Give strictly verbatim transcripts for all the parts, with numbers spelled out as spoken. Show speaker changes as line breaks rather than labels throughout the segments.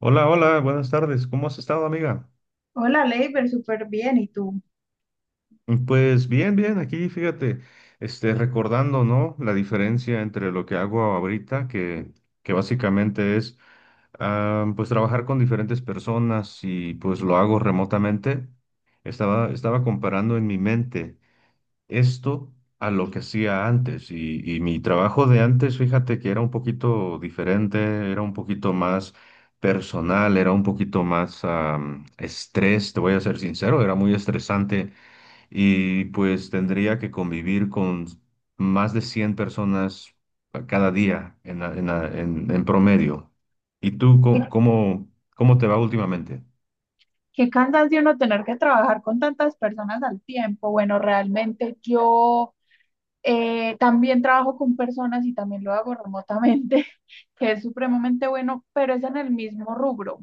Hola, hola, buenas tardes. ¿Cómo has estado, amiga?
Hola, Leiber, súper bien. ¿Y tú?
Pues bien, bien, aquí fíjate, este, recordando, ¿no? La diferencia entre lo que hago ahorita, que, que básicamente es, ah, pues trabajar con diferentes personas y pues lo hago remotamente. Estaba, estaba comparando en mi mente esto a lo que hacía antes. Y, y mi trabajo de antes, fíjate que era un poquito diferente, era un poquito más personal, era un poquito más am, estrés, te voy a ser sincero, era muy estresante y pues tendría que convivir con más de cien personas cada día en, la- en, la- en- en promedio. ¿Y tú cómo,
Qué,
cómo cómo te va últimamente?
qué cansancio uno tener que trabajar con tantas personas al tiempo. Bueno, realmente yo eh, también trabajo con personas y también lo hago remotamente, que es supremamente bueno, pero es en el mismo rubro.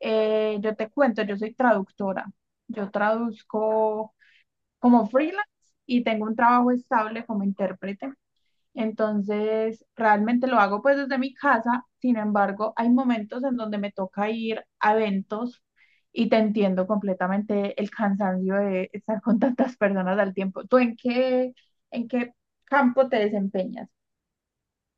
Eh, yo te cuento, yo soy traductora. Yo traduzco como freelance y tengo un trabajo estable como intérprete. Entonces, realmente lo hago pues desde mi casa, sin embargo, hay momentos en donde me toca ir a eventos y te entiendo completamente el cansancio de estar con tantas personas al tiempo. ¿Tú en qué, en qué campo te desempeñas?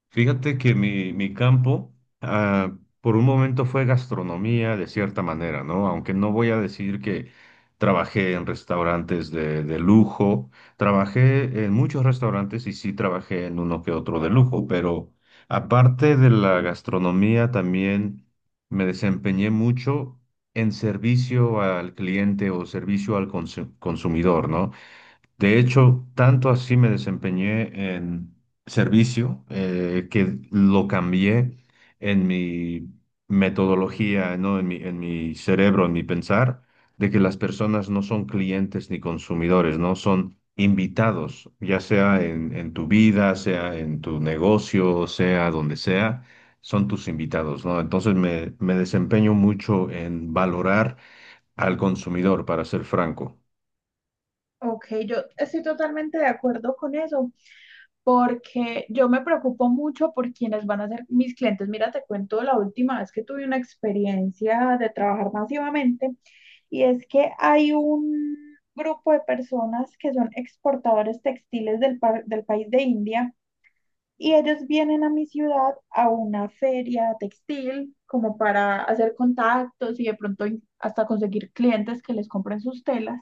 Fíjate que mi, mi campo, ah, por un momento fue gastronomía de cierta manera, ¿no? Aunque no voy a decir que trabajé en restaurantes de, de lujo, trabajé en muchos restaurantes y sí trabajé en uno que otro de lujo, pero aparte de la gastronomía también me desempeñé mucho en servicio al cliente o servicio al consu- consumidor, ¿no? De hecho, tanto así me desempeñé en servicio eh, que lo cambié en mi metodología, ¿no? En mi, en mi cerebro, en mi pensar, de que las personas no son clientes ni consumidores, ¿no? Son invitados, ya sea en, en tu vida, sea en tu negocio, sea donde sea, son tus invitados, ¿no? Entonces me, me desempeño mucho en valorar al consumidor, para ser franco.
Ok, yo estoy totalmente de acuerdo con eso, porque yo me preocupo mucho por quienes van a ser mis clientes. Mira, te cuento la última vez que tuve una experiencia de trabajar masivamente. Y es que hay un grupo de personas que son exportadores textiles del, pa- del país de India y ellos vienen a mi ciudad a una feria textil como para hacer contactos y de pronto in- hasta conseguir clientes que les compren sus telas.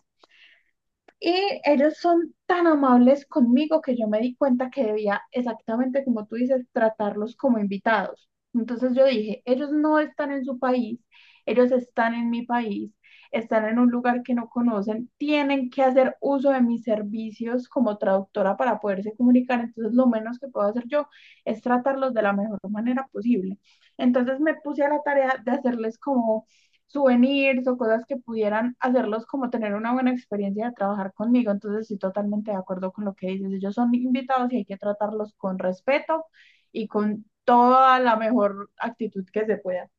Y ellos son tan amables conmigo que yo me di cuenta que debía, exactamente como tú dices, tratarlos como invitados. Entonces yo dije, ellos no están en su país, ellos están en mi país, están en un lugar que no conocen, tienen que hacer uso de mis servicios como traductora para poderse comunicar. Entonces lo menos que puedo hacer yo es tratarlos de la mejor manera posible. Entonces me puse a la tarea de hacerles como souvenirs o cosas que pudieran hacerlos como tener una buena experiencia de trabajar conmigo. Entonces, estoy totalmente de acuerdo con lo que dices. Ellos son invitados y hay que tratarlos con respeto y con toda la mejor actitud que se pueda.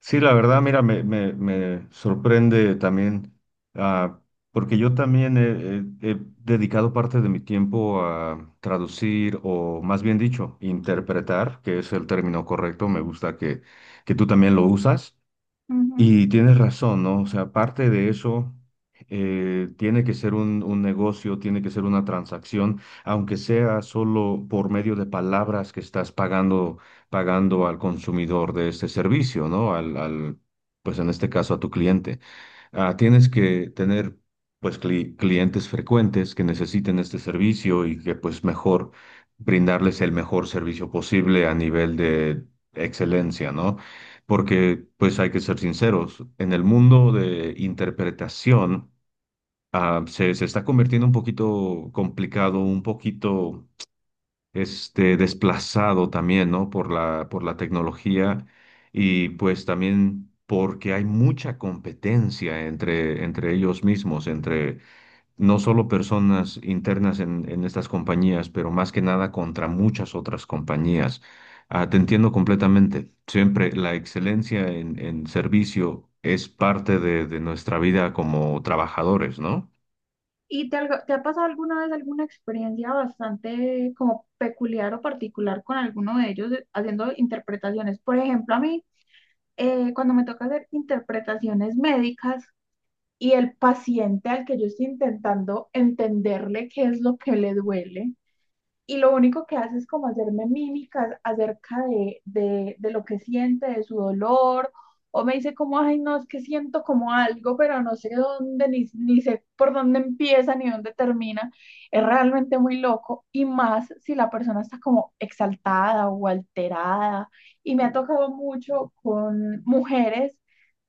Sí, la verdad, mira, me, me, me sorprende también, ah, porque yo también he, he- he dedicado parte de mi tiempo a traducir o más bien dicho, interpretar, que es el término correcto, me gusta que, que tú también lo usas.
Ujú.
Y tienes razón, ¿no? O sea, aparte de eso, eh, tiene que ser un, un negocio, tiene que ser una transacción, aunque sea solo por medio de palabras que estás pagando, pagando al consumidor de este servicio, ¿no? Al, al, pues en este caso a tu cliente. Ah, tienes que tener pues cli- clientes frecuentes que necesiten este servicio y que pues mejor brindarles el mejor servicio posible a nivel de excelencia, ¿no? Porque pues hay que ser sinceros, en el mundo de interpretación ah, se, se está convirtiendo un poquito complicado, un poquito este, desplazado también, ¿no? Por la, por la tecnología y pues también porque hay mucha competencia entre, entre ellos mismos, entre no solo personas internas en, en estas compañías, pero más que nada contra muchas otras compañías. Ah, te entiendo completamente. Siempre la excelencia en, en servicio es parte de, de nuestra vida como trabajadores, ¿no?
¿Y te, algo- te ha pasado alguna vez alguna experiencia bastante como peculiar o particular con alguno de ellos eh, haciendo interpretaciones? Por ejemplo, a mí, eh, cuando me toca hacer interpretaciones médicas, y el paciente al que yo estoy intentando entenderle qué es lo que le duele. Y lo único que hace es como hacerme mímicas acerca de, de, de lo que siente, de su dolor, o me dice como, ay, no, es que siento como algo, pero no sé dónde, ni, ni sé por dónde empieza, ni dónde termina. Es realmente muy loco, y más si la persona está como exaltada o alterada. Y me ha tocado mucho con mujeres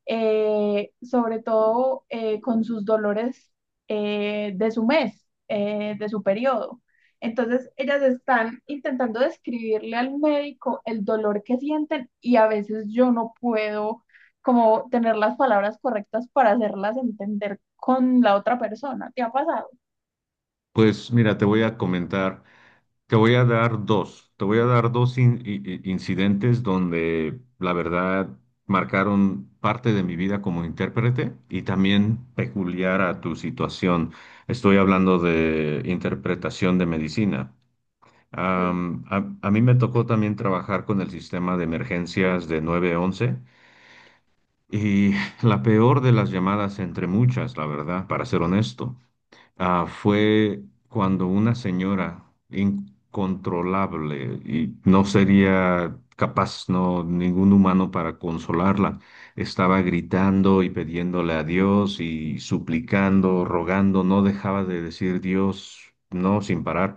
eh, sobre todo eh, con sus dolores eh, de su mes, eh, de su periodo. Entonces, ellas están intentando describirle al médico el dolor que sienten y a veces yo no puedo como tener las palabras correctas para hacerlas entender con la otra persona. ¿Te ha pasado?
Pues mira, te voy a comentar. Te voy a dar dos, te voy a dar dos in- i- i- incidentes donde la verdad marcaron parte de mi vida como intérprete y también peculiar a tu situación. Estoy hablando de interpretación de medicina.
Sí,
Am, a, a mí me tocó también trabajar con el sistema de emergencias de nueve once y la peor de las llamadas entre muchas, la verdad, para ser honesto ah, fue cuando una señora incontrolable y no sería capaz, no, ningún humano para consolarla, estaba gritando y pidiéndole a Dios y suplicando, rogando, no dejaba de decir Dios, no, sin parar.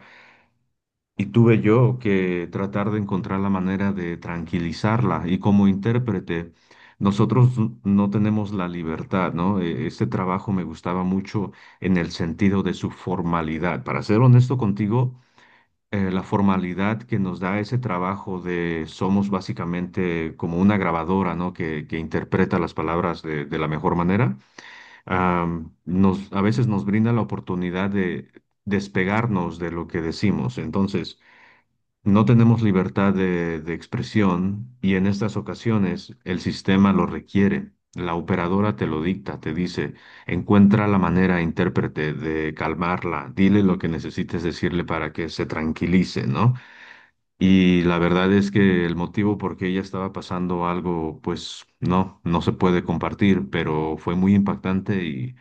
Y tuve yo que tratar de encontrar la manera de tranquilizarla. Y como intérprete, nosotros n- no tenemos la libertad, ¿no? E- Este trabajo me gustaba mucho en el sentido de su formalidad. Para ser honesto contigo, eh, la formalidad que nos da ese trabajo de somos básicamente como una grabadora, ¿no? Que, que interpreta las palabras de, de la mejor manera, am, nos, a veces nos brinda la oportunidad de despegarnos de lo que decimos. Entonces, no tenemos libertad de, de expresión y en estas ocasiones el sistema lo requiere. La operadora te lo dicta, te dice, encuentra la manera, intérprete, de calmarla, dile lo que necesites decirle para que se tranquilice, ¿no? Y la verdad es que el motivo por qué ella estaba pasando algo, pues no, no se puede compartir, pero fue muy impactante y,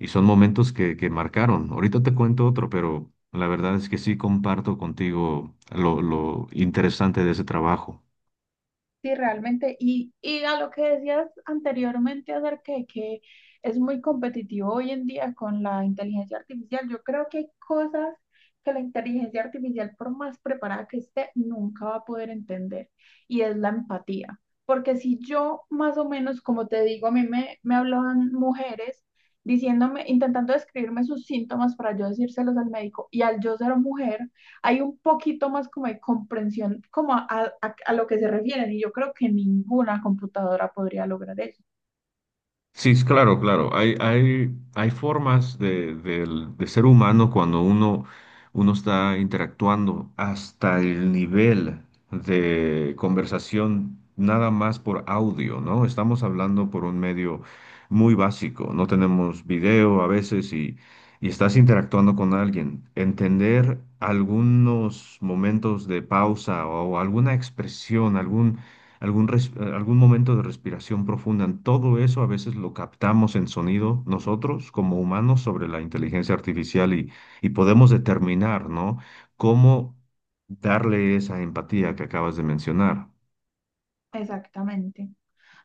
y son momentos que, que marcaron. Ahorita te cuento otro, pero la verdad es que sí comparto contigo lo, lo interesante de ese trabajo.
sí, realmente. Y, y a lo que decías anteriormente acerca de que es muy competitivo hoy en día con la inteligencia artificial, yo creo que hay cosas que la inteligencia artificial, por más preparada que esté, nunca va a poder entender. Y es la empatía. Porque si yo, más o menos, como te digo, a mí me, me hablaban mujeres diciéndome, intentando describirme sus síntomas para yo decírselos al médico, y al yo ser mujer, hay un poquito más como de comprensión como a, a- a lo que se refieren y yo creo que ninguna computadora podría lograr eso.
Sí, es claro, claro. Hay, hay, hay formas de, del- de ser humano cuando uno, uno está interactuando hasta el nivel de conversación nada más por audio, ¿no? Estamos hablando por un medio muy básico, no tenemos video a veces y, y estás interactuando con alguien. Entender algunos momentos de pausa o alguna expresión, algún algún, res- algún momento de respiración profunda. Todo eso a veces lo captamos en sonido nosotros como humanos sobre la inteligencia artificial y, y podemos determinar, ¿no? Cómo darle esa empatía que acabas de mencionar.
Exactamente.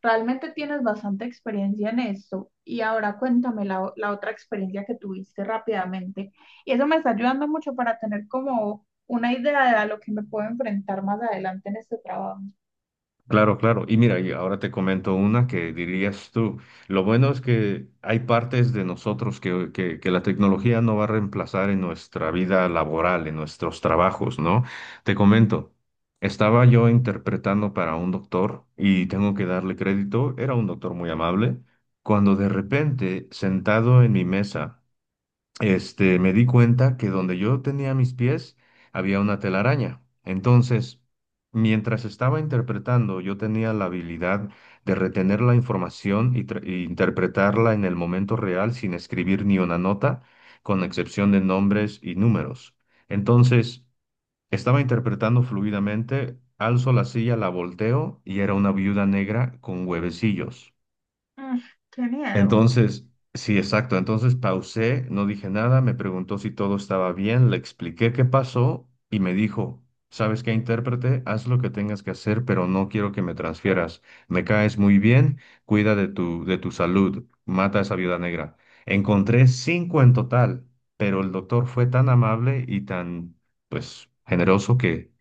Realmente tienes bastante experiencia en esto y ahora cuéntame la, o- la otra experiencia que tuviste rápidamente. Y eso me está ayudando mucho para tener como una idea de a lo que me puedo enfrentar más adelante en este trabajo.
Claro, claro. Y mira, y ahora te comento una que dirías tú. Lo bueno es que hay partes de nosotros que, que, que la tecnología no va a reemplazar en nuestra vida laboral, en nuestros trabajos, ¿no? Te comento, estaba yo interpretando para un doctor y tengo que darle crédito, era un doctor muy amable, cuando de repente, sentado en mi mesa, este, me di cuenta que donde yo tenía mis pies había una telaraña. Entonces, mientras estaba interpretando, yo tenía la habilidad de retener la información y, tra- e interpretarla en el momento real sin escribir ni una nota, con excepción de nombres y números. Entonces, estaba interpretando fluidamente, alzo la silla, la volteo y era una viuda negra con huevecillos.
Mm, qué miedo.
Entonces, sí, exacto. Entonces pausé, no dije nada, me preguntó si todo estaba bien, le expliqué qué pasó y me dijo, ¿sabes qué, intérprete? Haz lo que tengas que hacer, pero no quiero que me transfieras. Me caes muy bien, cuida de tu, de tu salud, mata a esa viuda negra. Encontré cinco en total, pero el doctor fue tan amable y tan, pues, generoso que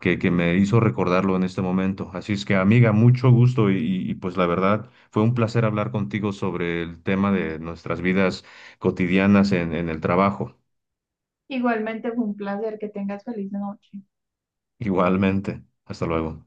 que, que me hizo recordarlo en este momento. Así es que, amiga, mucho gusto y, y- y, pues la verdad fue un placer hablar contigo sobre el tema de nuestras vidas cotidianas en, en el trabajo.
Igualmente fue un placer que tengas feliz noche.
Igualmente. Hasta luego.